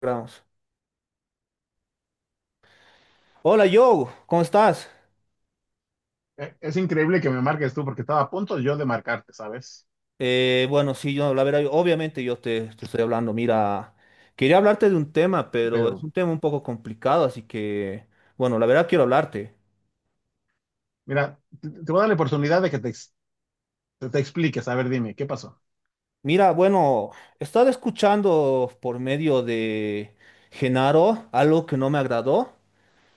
Gramos. Hola, yo, ¿cómo estás? Es increíble que me marques tú porque estaba a punto yo de marcarte, ¿sabes? Bueno, sí, la verdad, obviamente yo te estoy hablando. Mira, quería hablarte de un tema, pero es Pero un tema un poco complicado, así que, bueno, la verdad quiero hablarte. mira, te voy a dar la oportunidad de que te expliques. A ver, dime, ¿qué pasó? Mira, bueno, he estado escuchando por medio de Genaro algo que no me agradó.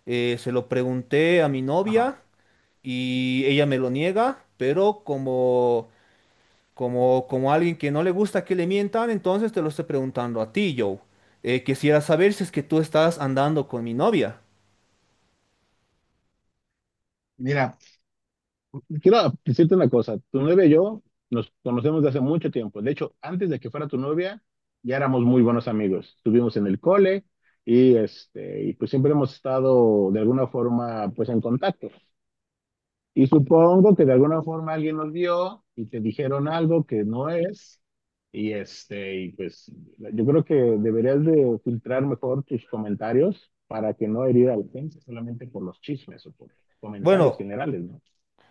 Se lo pregunté a mi Ajá. novia y ella me lo niega, Como, como alguien que no le gusta que le mientan, entonces te lo estoy preguntando a ti, Joe. Quisiera saber si es que tú estás andando con mi novia. Mira, quiero decirte una cosa, tu novia y yo nos conocemos de hace mucho tiempo. De hecho, antes de que fuera tu novia, ya éramos muy buenos amigos. Estuvimos en el cole y, y pues siempre hemos estado de alguna forma pues en contacto. Y supongo que de alguna forma alguien los vio y te dijeron algo que no es. Y pues yo creo que deberías de filtrar mejor tus comentarios para que no herir a la gente solamente por los chismes o por comentarios Bueno, generales, ¿no?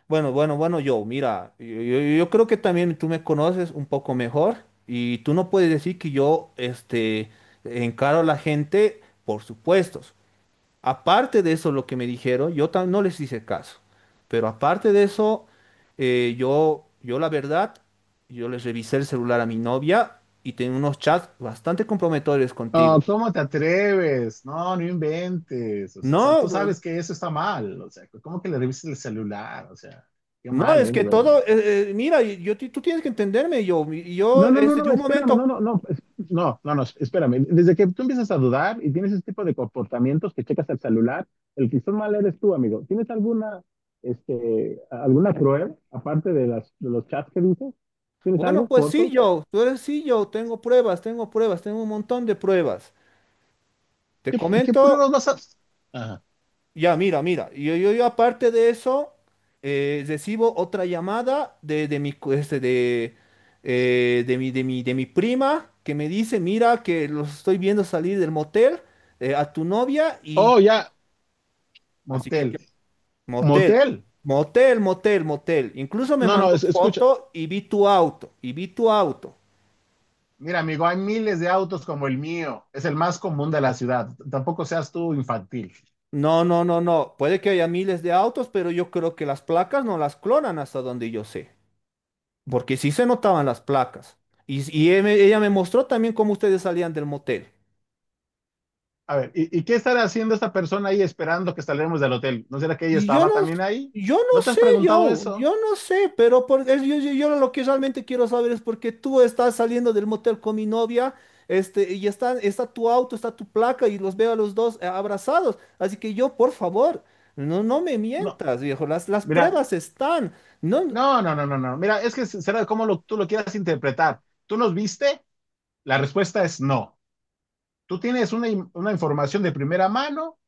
bueno, bueno, bueno, Joe, mira, yo creo que también tú me conoces un poco mejor y tú no puedes decir que yo encaro a la gente por supuestos. Aparte de eso, lo que me dijeron, yo no les hice caso. Pero aparte de eso, yo la verdad, yo les revisé el celular a mi novia y tenía unos chats bastante comprometedores contigo. Oh, ¿cómo te atreves? No, no inventes. O sea, tú No, sabes que eso está mal. O sea, ¿cómo que le revisas el celular? O sea, qué no, mal, es ¿eh? De que verdad. todo, mira, tú tienes que entenderme, yo, y No, yo, no, no, este, de no, un espérame, momento, no, espérame. Desde que tú empiezas a dudar y tienes ese tipo de comportamientos que checas el celular, el que está mal eres tú, amigo. ¿Tienes alguna, alguna prueba, aparte de de los chats que dices? ¿Tienes bueno, algo? pues sí, ¿Fotos? Tú eres, tengo pruebas, tengo pruebas, tengo un montón de pruebas. Te ¿Qué comento. pruebas vas a...? Ajá. Ya, mira, mira, yo aparte de eso, recibo otra llamada de mi, de mi, de mi prima, que me dice, mira, que los estoy viendo salir del motel a tu novia, y Oh, ya. así Motel. Motel, Motel. Motel. Incluso me No, no, mandó escucha. foto y vi tu auto, y vi tu auto. Mira, amigo, hay miles de autos como el mío. Es el más común de la ciudad. Tampoco seas tú infantil. No, no, no, no. Puede que haya miles de autos, pero yo creo que las placas no las clonan hasta donde yo sé, porque sí se notaban las placas. Y, ella me mostró también cómo ustedes salían del motel. A ver, ¿y qué estará haciendo esta persona ahí esperando que salgamos del hotel? ¿No será que ella Y yo no, estaba también ahí? yo no ¿No te has sé, preguntado eso? yo no sé, pero yo lo que realmente quiero saber es por qué tú estás saliendo del motel con mi novia, y está tu auto, está tu placa, y los veo a los dos abrazados. Así que yo, por favor, no, no me No, mientas, viejo, las mira, pruebas están. No, no. Mira, es que será como tú lo quieras interpretar. ¿Tú nos viste? La respuesta es no. ¿Tú tienes una, una información de primera mano?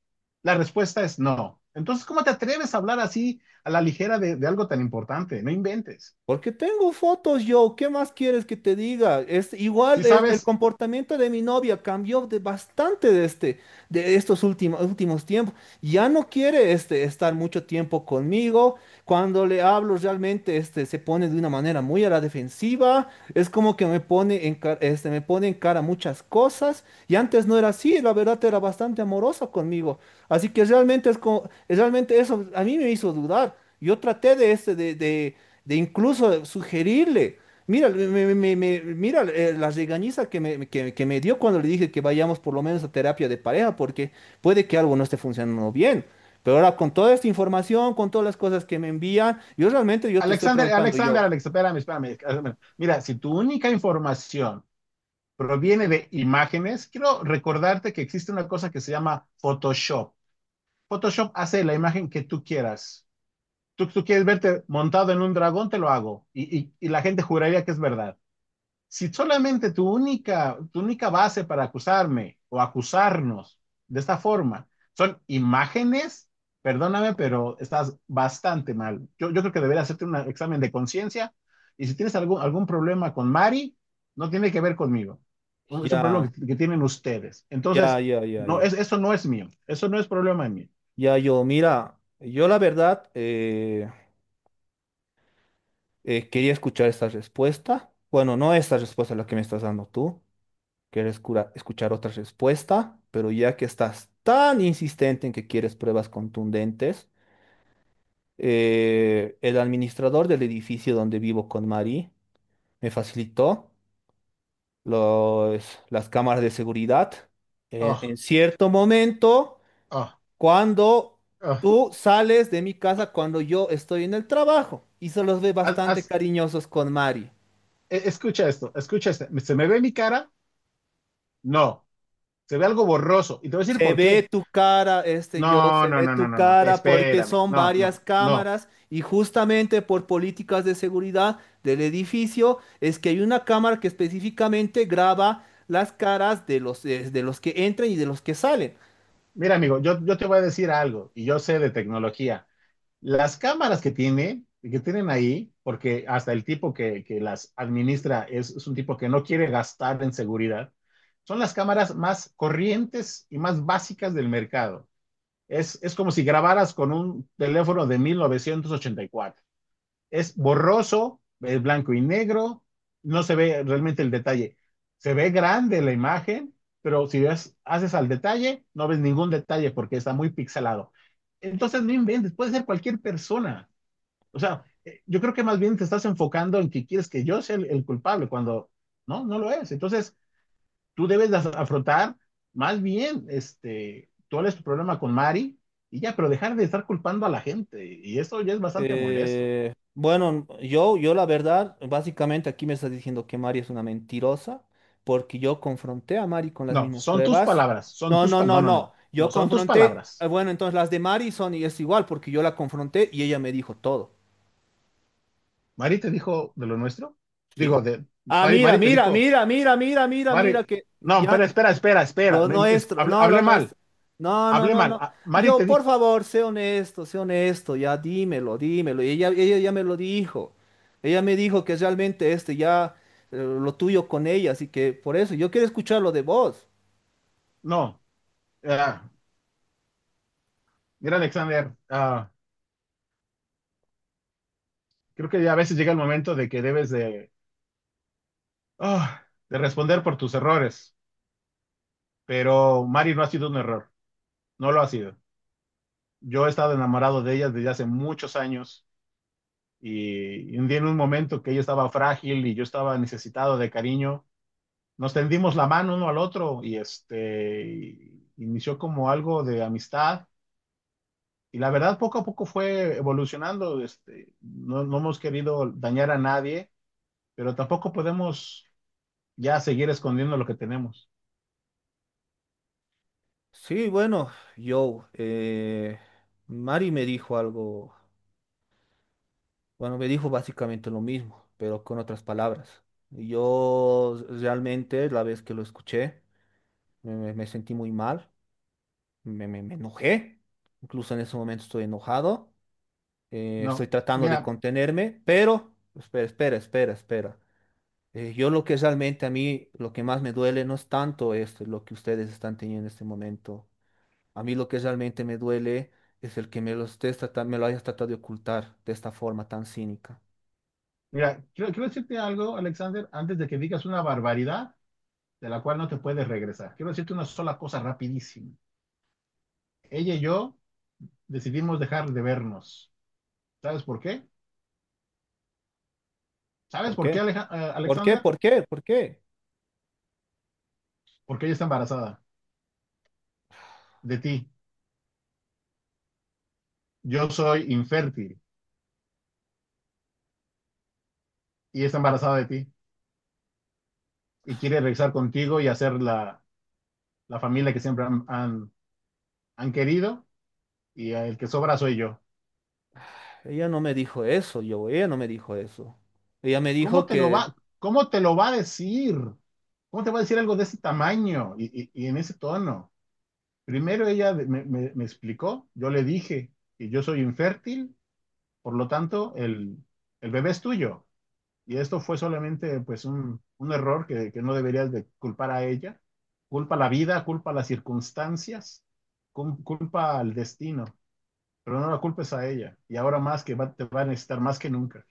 La respuesta es no. Entonces, ¿cómo te atreves a hablar así a la ligera de algo tan importante? No inventes. porque tengo fotos yo, ¿qué más quieres que te diga? Es Si igual, el sabes, comportamiento de mi novia cambió de bastante de este de estos últimos tiempos. Ya no quiere, estar mucho tiempo conmigo. Cuando le hablo realmente, se pone de una manera muy a la defensiva. Es como que me pone en, me pone en cara muchas cosas. Y antes no era así, la verdad era bastante amorosa conmigo. Así que realmente, es como, realmente eso a mí me hizo dudar. Yo traté de, este, de incluso sugerirle. Mira, mira, la regañiza que me, que me dio cuando le dije que vayamos por lo menos a terapia de pareja, porque puede que algo no esté funcionando bien. Pero ahora con toda esta información, con todas las cosas que me envían, yo realmente yo te estoy Alexander, preguntando, Alexander, yo, Alex, espérame. Mira, si tu única información proviene de imágenes, quiero recordarte que existe una cosa que se llama Photoshop. Photoshop hace la imagen que tú quieras. Tú quieres verte montado en un dragón, te lo hago. Y, y la gente juraría que es verdad si solamente tu única base para acusarme o acusarnos de esta forma son imágenes, perdóname, pero estás bastante mal. Yo creo que debería hacerte un examen de conciencia y si tienes algún problema con Mari, no tiene que ver conmigo. Es un ya, problema que tienen ustedes. ya, Entonces, ya, ya, no, ya, es, eso no es mío. Eso no es problema mío. ya, yo, mira, yo la verdad, quería escuchar esta respuesta. Bueno, no esta respuesta la que me estás dando tú. Quieres escuchar otra respuesta, pero ya que estás tan insistente en que quieres pruebas contundentes, el administrador del edificio donde vivo con Mari me facilitó las cámaras de seguridad Oh, en cierto momento, oh, cuando oh. tú sales de mi casa, cuando yo estoy en el trabajo, y se los ve Haz- bastante haz- cariñosos con Mari. Escucha esto, escucha esto. ¿Se me ve mi cara? No. Se ve algo borroso. Y te voy a decir Se por ve qué. tu cara, No, se no, ve no, tu no, no, no, cara porque espérame, son no, varias no, no. cámaras, y justamente por políticas de seguridad del edificio es que hay una cámara que específicamente graba las caras de los que entran y de los que salen. Mira, amigo, yo te voy a decir algo y yo sé de tecnología. Las cámaras que tiene, que tienen ahí, porque hasta el tipo que las administra es un tipo que no quiere gastar en seguridad, son las cámaras más corrientes y más básicas del mercado. Es como si grabaras con un teléfono de 1984. Es borroso, es blanco y negro, no se ve realmente el detalle. Se ve grande la imagen, pero si ves, haces al detalle, no ves ningún detalle porque está muy pixelado. Entonces no inventes, puede ser cualquier persona. O sea, yo creo que más bien te estás enfocando en que quieres que yo sea el culpable cuando no, no lo es. Entonces tú debes de afrontar más bien, tú hables tu problema con Mari y ya, pero dejar de estar culpando a la gente. Y eso ya es bastante molesto. Bueno, yo la verdad, básicamente aquí me estás diciendo que Mari es una mentirosa, porque yo confronté a Mari con las No, mismas pruebas. Son No, tus no, no, palabras. No, no, no. no, Yo no, son tus confronté, palabras. bueno, entonces las de Mari son y es igual, porque yo la confronté y ella me dijo todo, Mari te dijo de lo nuestro. ¿sí? Digo, de Ah, Mari, mira, Mari te mira, dijo, mira, mira, mira, mira, Mari, mira, que no, espera, ya, espera, espera, espera. lo nuestro, Hablé, no, lo nuestro. No, no, hablé no, mal. no. Ah, Y Mari yo, te por dijo, favor, sé honesto, ya dímelo, dímelo. Y ella ya me lo dijo. Ella me dijo que realmente ya, lo tuyo con ella, así que por eso yo quiero escucharlo de vos. no, ah, mira, Alexander, ah, creo que ya a veces llega el momento de que debes de, ah, de responder por tus errores, pero Mari no ha sido un error, no lo ha sido. Yo he estado enamorado de ella desde hace muchos años. Y un día en un momento que ella estaba frágil y yo estaba necesitado de cariño, nos tendimos la mano uno al otro inició como algo de amistad. Y la verdad, poco a poco fue evolucionando. No, no hemos querido dañar a nadie, pero tampoco podemos ya seguir escondiendo lo que tenemos. Sí, bueno, yo, eh, Mari me dijo algo, bueno, me dijo básicamente lo mismo, pero con otras palabras. Yo realmente la vez que lo escuché me sentí muy mal. Me enojé, incluso en ese momento estoy enojado, estoy No, tratando de mira, contenerme, pero espera, espera, espera, espera. Yo lo que realmente a mí, lo que más me duele no es tanto esto, lo que ustedes están teniendo en este momento. A mí lo que realmente me duele es el que me lo hayas tratado de ocultar de esta forma tan cínica. mira, quiero decirte algo, Alexander, antes de que digas una barbaridad de la cual no te puedes regresar. Quiero decirte una sola cosa rapidísima. Ella y yo decidimos dejar de vernos. ¿Sabes por qué? ¿Sabes ¿Por por qué, qué? ¿Por qué? Alexander? ¿Por qué? ¿Por qué? Porque ella está embarazada de ti. Yo soy infértil y está embarazada de ti y quiere regresar contigo y hacer la familia que siempre han querido y el que sobra soy yo. Ella no me dijo eso, yo, ella no me dijo eso. Ella me dijo que Cómo te lo va a decir? ¿Cómo te va a decir algo de ese tamaño y, y en ese tono? Primero ella me explicó, yo le dije que yo soy infértil, por lo tanto el bebé es tuyo. Y esto fue solamente pues un error no deberías de culpar a ella. Culpa la vida, culpa las circunstancias, culpa al destino, pero no la culpes a ella. Y ahora más que te va a necesitar más que nunca.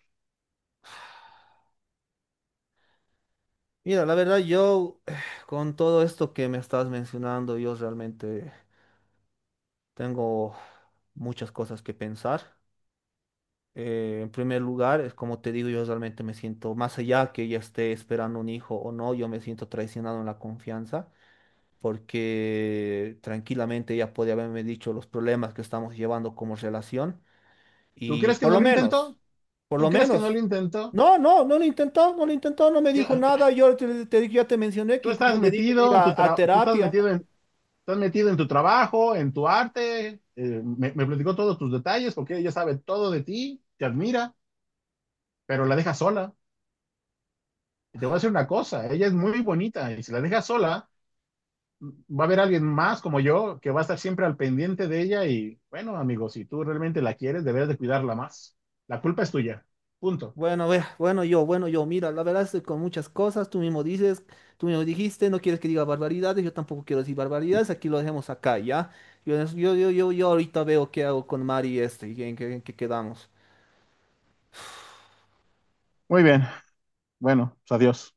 mira, la verdad yo con todo esto que me estás mencionando, yo realmente tengo muchas cosas que pensar. En primer lugar, es como te digo, yo realmente me siento, más allá que ya esté esperando un hijo o no, yo me siento traicionado en la confianza, porque tranquilamente ella podría haberme dicho los problemas que estamos llevando como relación. ¿Tú Y crees que por no lo lo menos, intentó? por ¿Tú lo crees que no menos. lo intentó? No, no, no lo intentó, no lo intentó, no me Tú dijo nada. Yo ya te mencioné que incluso le dije de ir a tú terapia. Estás metido en tu trabajo, en tu arte, me platicó todos tus detalles porque ella sabe todo de ti, te admira, pero la deja sola. Y te voy a decir una cosa, ella es muy bonita y si la dejas sola, va a haber alguien más como yo que va a estar siempre al pendiente de ella y bueno, amigo, si tú realmente la quieres, deberás de cuidarla más. La culpa es tuya. Punto. Bueno, ve, bueno, mira, la verdad estoy con muchas cosas, tú mismo dices, tú mismo dijiste, no quieres que diga barbaridades, yo tampoco quiero decir barbaridades, aquí lo dejemos acá, ¿ya? Yo ahorita veo qué hago con Mari, y en qué, en qué quedamos. Muy bien. Bueno, pues adiós.